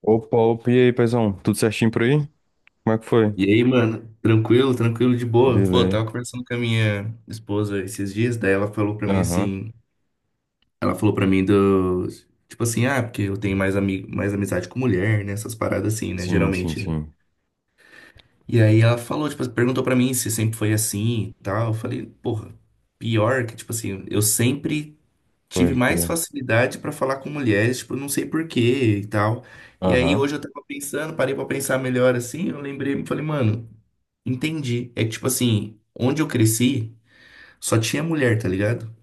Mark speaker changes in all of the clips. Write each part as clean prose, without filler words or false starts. Speaker 1: Opa, opa, e aí, paizão? Tudo certinho por aí? Como é que foi?
Speaker 2: E aí, mano, tranquilo, tranquilo, de boa. Pô, eu
Speaker 1: Beleza.
Speaker 2: tava conversando com a minha esposa esses dias, daí ela falou pra mim
Speaker 1: Aham.
Speaker 2: assim, ela falou pra mim do, tipo assim, ah, porque eu tenho mais amigo, mais amizade com mulher, né, essas paradas assim, né,
Speaker 1: Sim, sim,
Speaker 2: geralmente, né.
Speaker 1: sim.
Speaker 2: E aí ela falou, tipo, perguntou pra mim se sempre foi assim e tal. Eu falei, porra, pior que, tipo assim, eu sempre tive
Speaker 1: Pode
Speaker 2: mais
Speaker 1: crer.
Speaker 2: facilidade pra falar com mulheres, tipo, não sei por quê e tal. E aí
Speaker 1: Aham.
Speaker 2: hoje eu tava pensando, parei pra pensar melhor assim, eu lembrei, falei, mano, entendi. É que, tipo assim, onde eu cresci, só tinha mulher, tá ligado?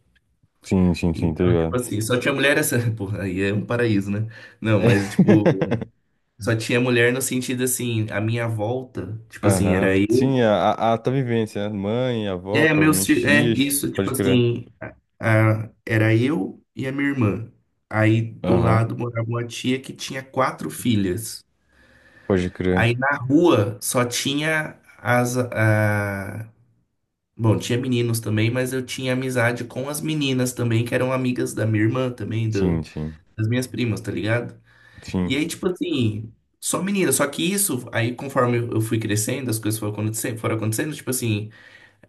Speaker 1: Sim, sim, sim, tá
Speaker 2: Então, tipo
Speaker 1: ligado?
Speaker 2: assim, só tinha mulher essa. Porra, aí é um paraíso, né? Não, mas, tipo, só tinha mulher no sentido assim, a minha volta, tipo assim, era
Speaker 1: Aham.
Speaker 2: eu.
Speaker 1: Sim, a tua vivência, né? Mãe, avó,
Speaker 2: É, meus.
Speaker 1: provavelmente
Speaker 2: É,
Speaker 1: tias.
Speaker 2: isso, tipo
Speaker 1: Pode crer.
Speaker 2: assim, era eu e a minha irmã. Aí do
Speaker 1: Aham.
Speaker 2: lado morava uma tia que tinha quatro filhas.
Speaker 1: Pode crer.
Speaker 2: Aí na rua só tinha bom, tinha meninos também, mas eu tinha amizade com as meninas também, que eram amigas da minha irmã também,
Speaker 1: Sim, sim.
Speaker 2: das minhas primas, tá ligado? E
Speaker 1: Sim.
Speaker 2: aí, tipo assim, só menina, só que isso, aí conforme eu fui crescendo, as coisas foram acontecendo, tipo assim,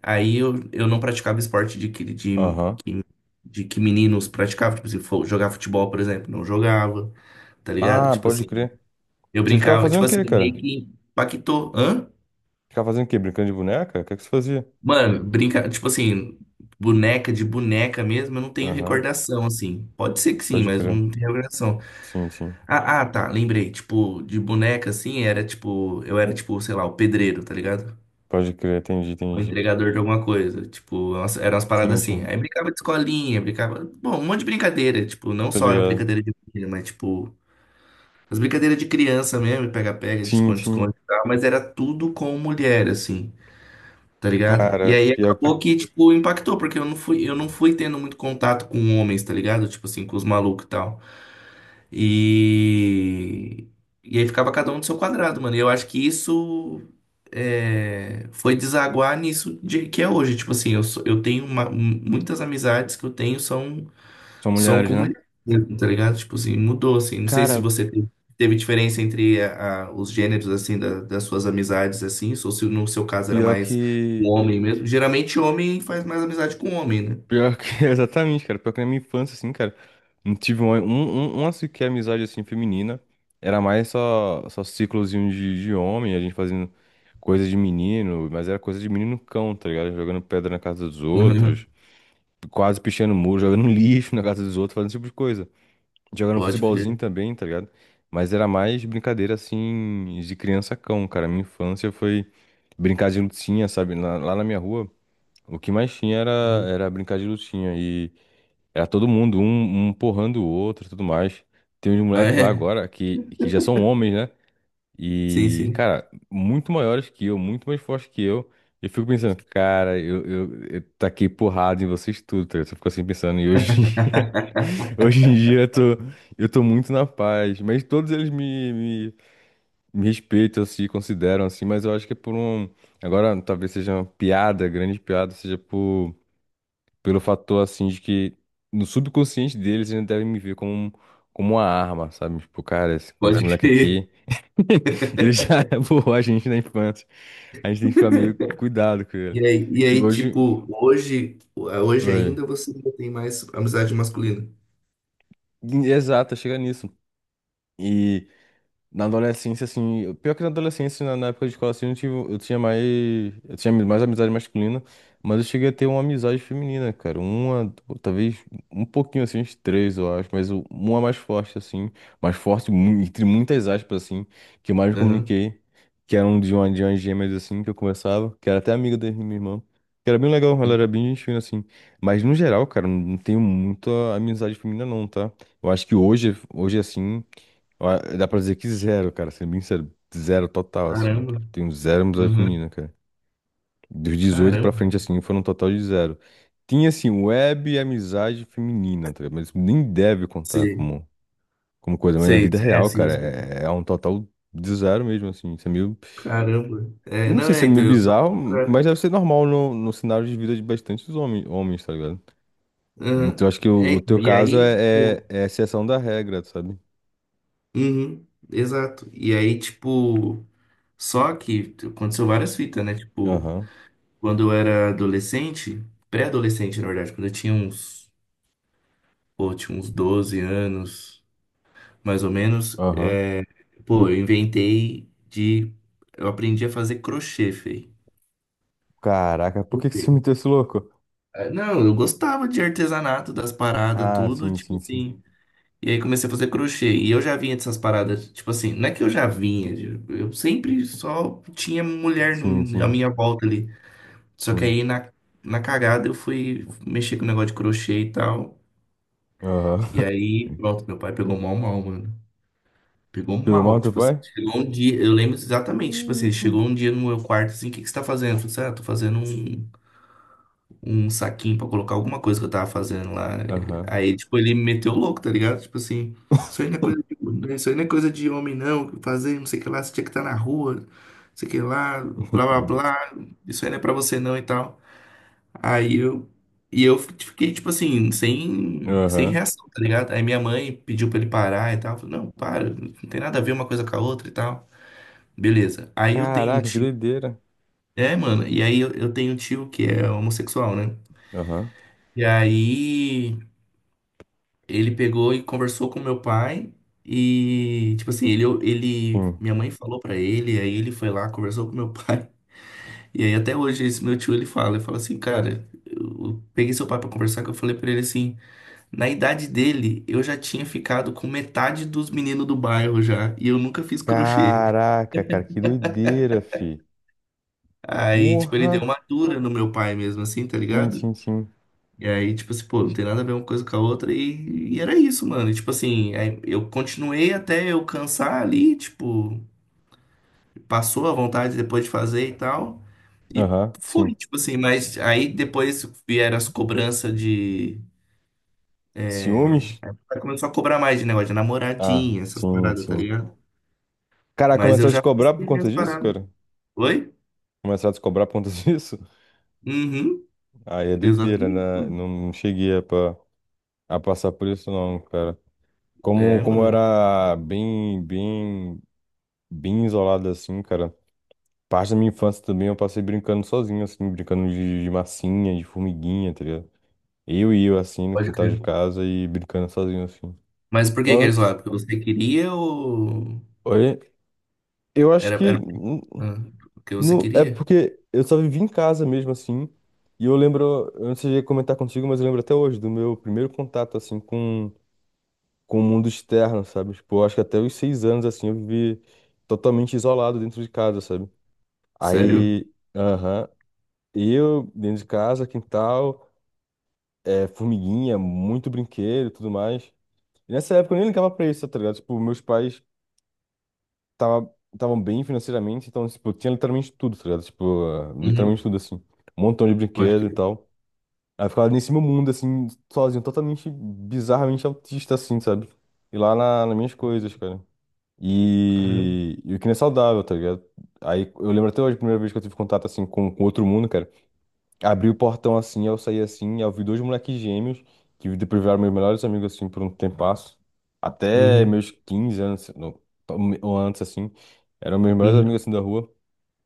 Speaker 2: aí eu não praticava esporte de
Speaker 1: Aham.
Speaker 2: de que meninos praticavam, tipo assim, jogar futebol, por exemplo, não jogava, tá ligado?
Speaker 1: Ah,
Speaker 2: Tipo
Speaker 1: pode
Speaker 2: assim,
Speaker 1: crer.
Speaker 2: eu
Speaker 1: Você ficava
Speaker 2: brincava, tipo
Speaker 1: fazendo o
Speaker 2: assim,
Speaker 1: quê,
Speaker 2: meio
Speaker 1: cara?
Speaker 2: que impactou, hã?
Speaker 1: Ficava fazendo o quê? Brincando de boneca? O que é que você fazia?
Speaker 2: Mano, brinca, tipo assim, boneca mesmo, eu não tenho
Speaker 1: Aham.
Speaker 2: recordação, assim. Pode ser que sim,
Speaker 1: Pode
Speaker 2: mas
Speaker 1: crer.
Speaker 2: não tenho recordação.
Speaker 1: Sim, sim.
Speaker 2: Ah, ah, tá, lembrei. Tipo, de boneca, assim, era tipo, eu era tipo, sei lá, o pedreiro, tá ligado?
Speaker 1: Pode crer. Entendi,
Speaker 2: O
Speaker 1: entendi.
Speaker 2: entregador de alguma coisa. Tipo, eram umas
Speaker 1: Sim,
Speaker 2: paradas assim.
Speaker 1: sim.
Speaker 2: Aí brincava de escolinha, brincava. Bom, um monte de brincadeira. Tipo, não
Speaker 1: Tá
Speaker 2: só a
Speaker 1: ligado?
Speaker 2: brincadeira de menina, mas tipo, as brincadeiras de criança mesmo, pega-pega, de
Speaker 1: Sim, sim.
Speaker 2: esconde-esconde e tal. Mas era tudo com mulher, assim. Tá ligado? E
Speaker 1: Cara,
Speaker 2: aí
Speaker 1: pior que.
Speaker 2: acabou que, tipo, impactou, porque eu não fui tendo muito contato com homens, tá ligado? Tipo assim, com os malucos e tal. E. E aí ficava cada um no seu quadrado, mano. E eu acho que isso foi desaguar que é hoje. Tipo assim, eu tenho muitas amizades que eu tenho são
Speaker 1: São
Speaker 2: são
Speaker 1: mulheres, né?
Speaker 2: comunicantes, tá ligado? Tipo assim, mudou, assim. Não sei se
Speaker 1: Cara,
Speaker 2: você teve, teve diferença entre os gêneros, assim, das suas amizades, assim, ou se no seu caso era
Speaker 1: pior
Speaker 2: mais um
Speaker 1: que.
Speaker 2: homem mesmo. Geralmente homem faz mais amizade com homem, né? Uhum.
Speaker 1: Pior que. Exatamente, cara. Pior que na minha infância, assim, cara. Não tive uma sequer amizade, assim, feminina. Era mais só, só ciclozinho de homem, a gente fazendo coisa de menino. Mas era coisa de menino cão, tá ligado? Jogando pedra na casa dos outros. Quase pichando muro, jogando lixo na casa dos outros, fazendo esse tipo de coisa. Jogando
Speaker 2: Pode
Speaker 1: futebolzinho
Speaker 2: crer.
Speaker 1: também, tá ligado? Mas era mais brincadeira assim de criança cão, cara. Minha infância foi brincar de lutinha, sabe? Lá na minha rua, o que mais tinha
Speaker 2: Uhum.
Speaker 1: era brincar de lutinha. E era todo mundo, um porrando o outro e tudo mais. Tem uns
Speaker 2: Ah,
Speaker 1: moleques lá
Speaker 2: é?
Speaker 1: agora que já são homens, né?
Speaker 2: Sim,
Speaker 1: E,
Speaker 2: sim.
Speaker 1: cara, muito maiores que eu, muito mais fortes que eu. Eu fico pensando, cara, eu taquei porrada em vocês tudo, tá ligado? Eu fico assim pensando, e hoje. Hoje em dia eu tô muito na paz, mas todos eles me respeitam, se consideram assim, mas eu acho que é por um. Agora, talvez seja uma piada, grande piada, seja por, pelo fator assim de que no subconsciente deles eles devem me ver como, como uma arma, sabe? Tipo, cara, esse, quando esse
Speaker 2: Pode
Speaker 1: moleque
Speaker 2: crer.
Speaker 1: aqui, ele já borrou a gente na infância. A gente tem que ficar meio cuidado com ele.
Speaker 2: E
Speaker 1: E
Speaker 2: aí,
Speaker 1: hoje.
Speaker 2: tipo, hoje, hoje
Speaker 1: Oi.
Speaker 2: ainda você ainda tem mais amizade masculina.
Speaker 1: Exato, chega nisso. E. Na adolescência, assim, pior que na adolescência, na época de escola, assim, eu tive, eu tinha mais amizade masculina, mas eu cheguei a ter uma amizade feminina, cara, uma, du- talvez um pouquinho, assim, uns três, eu acho, mas o- uma mais forte, assim, mais forte, mu- entre muitas aspas, assim, que eu mais me
Speaker 2: Aham.
Speaker 1: comuniquei, que era um de uma, de umas gêmeas, assim, que eu conversava, que era até amiga da minha irmã, que era bem legal, ela era bem gente fina, assim, mas no geral, cara, não tenho muita amizade feminina, não, tá? Eu acho que hoje, assim... Ó, dá pra dizer que zero, cara, sendo bem sério. Zero total, assim. Tipo,
Speaker 2: Caramba.
Speaker 1: tenho zero amizade
Speaker 2: Uhum.
Speaker 1: feminina, cara. Dos 18 pra frente,
Speaker 2: Caramba.
Speaker 1: assim, foram um total de zero. Tinha, assim, web e amizade feminina, tá ligado? Mas nem deve contar
Speaker 2: Sei,
Speaker 1: como, como coisa. Mas na
Speaker 2: sei,
Speaker 1: vida
Speaker 2: é,
Speaker 1: real,
Speaker 2: sim,
Speaker 1: cara,
Speaker 2: sim.
Speaker 1: é um total de zero mesmo, assim. Isso é meio.
Speaker 2: Caramba. É,
Speaker 1: Não
Speaker 2: não,
Speaker 1: sei se
Speaker 2: é,
Speaker 1: é
Speaker 2: então,
Speaker 1: meio
Speaker 2: eu sou
Speaker 1: bizarro,
Speaker 2: contra.
Speaker 1: mas deve ser normal no cenário de vida de bastantes homens, tá ligado?
Speaker 2: Aham.
Speaker 1: Então acho que
Speaker 2: É,
Speaker 1: o
Speaker 2: então,
Speaker 1: teu
Speaker 2: e
Speaker 1: caso
Speaker 2: aí, tipo,
Speaker 1: é a exceção da regra, sabe?
Speaker 2: uhum, exato. E aí, tipo, só que aconteceu várias fitas, né? Tipo,
Speaker 1: Aham,
Speaker 2: quando eu era adolescente, pré-adolescente, na verdade, quando eu tinha uns, pô, tinha uns 12 anos, mais ou menos,
Speaker 1: aham.
Speaker 2: pô, eu inventei de, eu aprendi a fazer crochê, fei.
Speaker 1: Caraca, por que que você meteu esse louco?
Speaker 2: Ah, não, eu gostava de artesanato, das paradas,
Speaker 1: Ah,
Speaker 2: tudo,
Speaker 1: sim,
Speaker 2: tipo
Speaker 1: sim, sim.
Speaker 2: assim. E aí comecei a fazer crochê. E eu já vinha dessas paradas. Tipo assim, não é que eu já vinha. Eu sempre só tinha mulher
Speaker 1: Sim,
Speaker 2: à
Speaker 1: sim,
Speaker 2: minha volta ali. Só que
Speaker 1: sim.
Speaker 2: aí na cagada eu fui mexer com o negócio de crochê e tal.
Speaker 1: Aham.
Speaker 2: E aí, pronto, meu pai pegou mal, mal, mano. Pegou
Speaker 1: Pegou mal
Speaker 2: mal.
Speaker 1: teu
Speaker 2: Tipo assim,
Speaker 1: pai?
Speaker 2: chegou um dia. Eu lembro exatamente. Tipo assim,
Speaker 1: Hum.
Speaker 2: chegou um dia no meu quarto assim: o que que você tá fazendo? Eu falei assim: ah, tô fazendo um. Um saquinho pra colocar alguma coisa que eu tava fazendo lá.
Speaker 1: Aham.
Speaker 2: Aí, tipo, ele me meteu louco, tá ligado? Tipo assim, isso aí não é coisa de homem, não. Fazer não sei o que lá, você tinha que estar na rua, não sei o que lá, blá blá blá. Isso aí não é pra você não e tal. Aí eu. E eu fiquei, tipo assim, sem
Speaker 1: Aham.
Speaker 2: reação, tá ligado? Aí minha mãe pediu pra ele parar e tal. Eu falei, não, para, não tem nada a ver uma coisa com a outra e tal. Beleza. Aí eu tenho um
Speaker 1: Caraca, que
Speaker 2: tio.
Speaker 1: doideira.
Speaker 2: É, mano, e aí eu tenho um tio que é homossexual, né?
Speaker 1: Aham.
Speaker 2: E aí ele pegou e conversou com meu pai e, tipo assim,
Speaker 1: Sim.
Speaker 2: minha mãe falou pra ele, aí ele foi lá, conversou com meu pai. E aí até hoje esse meu tio ele fala assim, cara, eu peguei seu pai pra conversar, que eu falei pra ele assim, na idade dele eu já tinha ficado com metade dos meninos do bairro já, e eu nunca fiz crochê.
Speaker 1: Caraca, cara, que doideira, fi.
Speaker 2: Aí, tipo, ele deu
Speaker 1: Porra.
Speaker 2: uma dura no meu pai mesmo assim, tá
Speaker 1: Sim,
Speaker 2: ligado?
Speaker 1: sim, sim.
Speaker 2: E aí, tipo assim, pô, não tem nada a ver uma coisa com a outra. E era isso, mano. E, tipo assim, aí eu continuei até eu cansar ali, tipo, passou a vontade depois de fazer e tal. E
Speaker 1: Aham,
Speaker 2: foi,
Speaker 1: sim.
Speaker 2: tipo assim, mas aí depois vieram as cobranças de.
Speaker 1: Ciúmes?
Speaker 2: Aí começou a cobrar mais de negócio de
Speaker 1: Ah,
Speaker 2: namoradinha, essas
Speaker 1: sim,
Speaker 2: paradas, tá
Speaker 1: sim.
Speaker 2: ligado?
Speaker 1: Cara,
Speaker 2: Mas eu
Speaker 1: começaram a te
Speaker 2: já
Speaker 1: cobrar por
Speaker 2: consegui
Speaker 1: conta
Speaker 2: minhas
Speaker 1: disso,
Speaker 2: paradas.
Speaker 1: cara?
Speaker 2: Oi?
Speaker 1: Começaram a te cobrar por conta disso?
Speaker 2: Uhum,
Speaker 1: Aí é doideira,
Speaker 2: exatamente,
Speaker 1: né? Não,
Speaker 2: mano.
Speaker 1: não cheguei a, pa- a passar por isso, não, cara. Como,
Speaker 2: É,
Speaker 1: eu
Speaker 2: mano,
Speaker 1: era bem isolado assim, cara. Parte da minha infância também eu passei brincando sozinho, assim, brincando de massinha, de formiguinha, tá ligado? Eu e eu, assim, no
Speaker 2: pode
Speaker 1: quintal
Speaker 2: crer.
Speaker 1: de casa e brincando sozinho, assim.
Speaker 2: Mas por que que
Speaker 1: An-
Speaker 2: eles lá? Porque você queria ou.
Speaker 1: Olha, eu acho
Speaker 2: Era,
Speaker 1: que
Speaker 2: era
Speaker 1: n-
Speaker 2: ah, o que você
Speaker 1: não, é
Speaker 2: queria?
Speaker 1: porque eu só vivi em casa mesmo, assim. E eu lembro, eu não sei se ia comentar contigo, mas eu lembro até hoje do meu primeiro contato, assim, com o mundo externo, sabe? Tipo, eu acho que até os 6 anos, assim, eu vivi totalmente isolado dentro de casa, sabe?
Speaker 2: Sério?
Speaker 1: Aí, aham, eu dentro de casa, quintal, é, formiguinha, muito brinquedo e tudo mais. E nessa época eu nem ligava pra isso, tá ligado? Tipo, meus pais estavam bem financeiramente, então, tipo, eu tinha literalmente tudo, tá ligado? Tipo, ah, literalmente
Speaker 2: Uhum.
Speaker 1: tudo, assim. Um montão de
Speaker 2: Pode
Speaker 1: brinquedo e
Speaker 2: crer.
Speaker 1: tal. Aí eu ficava nesse meu mundo, assim, sozinho, totalmente, bizarramente autista, assim, sabe? E lá na, nas minhas coisas, cara.
Speaker 2: Caramba.
Speaker 1: E, o que não é saudável, tá ligado? Aí eu lembro até hoje a primeira vez que eu tive contato, assim, com outro mundo, cara. Abri o portão assim, eu saí assim, eu vi dois moleques gêmeos, que depois viraram meus melhores amigos assim por um tempasso. Até
Speaker 2: Uhum.
Speaker 1: meus 15 anos, não, ou antes assim, eram meus melhores amigos
Speaker 2: Uhum.
Speaker 1: assim da rua.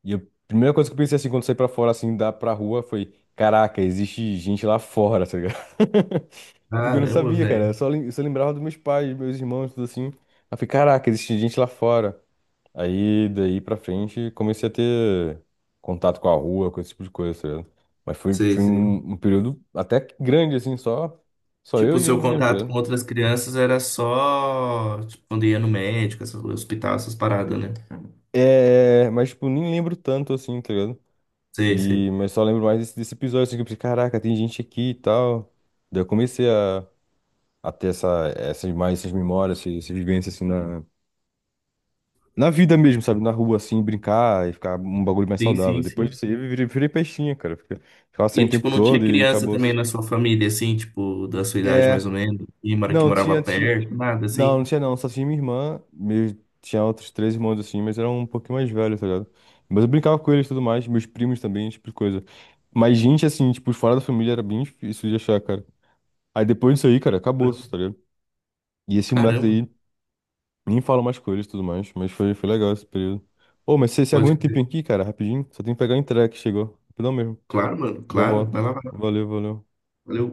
Speaker 1: E a primeira coisa que eu pensei assim, quando saí pra fora assim, da pra rua, foi: caraca, existe gente lá fora, tá ligado? Porque eu não
Speaker 2: Caramba,
Speaker 1: sabia, cara, eu
Speaker 2: velho.
Speaker 1: só, lem- eu só lembrava dos meus pais, meus irmãos, tudo assim. Aí eu falei: caraca, existe gente lá fora. Aí, daí pra frente, comecei a ter contato com a rua, com esse tipo de coisa, tá ligado? Mas foi,
Speaker 2: Sei,
Speaker 1: foi
Speaker 2: sei.
Speaker 1: um, um período até que grande, assim, só, só eu
Speaker 2: Tipo, o
Speaker 1: e eu
Speaker 2: seu
Speaker 1: mesmo, tá
Speaker 2: contato com
Speaker 1: ligado?
Speaker 2: outras crianças era só, tipo, quando ia no médico, hospital, essas paradas, né?
Speaker 1: É, mas, tipo, nem lembro tanto, assim, tá ligado?
Speaker 2: Sei,
Speaker 1: E,
Speaker 2: sei.
Speaker 1: mas só lembro mais desse, desse episódio, assim, que eu pensei, caraca, tem gente aqui e tal. Daí eu comecei a ter essa, essas, mais essas memórias, essas, essas vivências, assim, na vida mesmo, sabe? Na rua, assim, brincar e ficar um bagulho mais
Speaker 2: Sim,
Speaker 1: saudável.
Speaker 2: sim,
Speaker 1: Depois
Speaker 2: sim.
Speaker 1: disso aí, eu virei, virei peixinha, cara. Fica- Ficava sem
Speaker 2: E,
Speaker 1: o tempo
Speaker 2: tipo, não tinha
Speaker 1: todo e
Speaker 2: criança
Speaker 1: acabou.
Speaker 2: também na sua família, assim, tipo, da sua idade mais ou
Speaker 1: É,
Speaker 2: menos, e que
Speaker 1: não,
Speaker 2: morava perto, nada, assim?
Speaker 1: não tinha não, só tinha minha irmã, meus, tinha outros três irmãos assim, mas eram um pouquinho mais velhos, tá ligado? Mas eu brincava com eles e tudo mais, meus primos também, esse tipo de coisa. Mas gente, assim, tipo, fora da família era bem difícil de achar, cara. Aí depois disso aí, cara, acabou, tá ligado? E esse moleque
Speaker 2: Caramba,
Speaker 1: daí, nem falo mais com eles e tudo mais, mas foi, foi legal esse período. Ô, mas você aguenta
Speaker 2: pode
Speaker 1: um
Speaker 2: crer.
Speaker 1: tempinho aqui, cara, rapidinho? Só tem que pegar a entrega que chegou, rapidão mesmo,
Speaker 2: Claro, mano,
Speaker 1: já
Speaker 2: claro. Vai
Speaker 1: volto.
Speaker 2: lá, vai lá.
Speaker 1: Valeu, valeu.
Speaker 2: Valeu.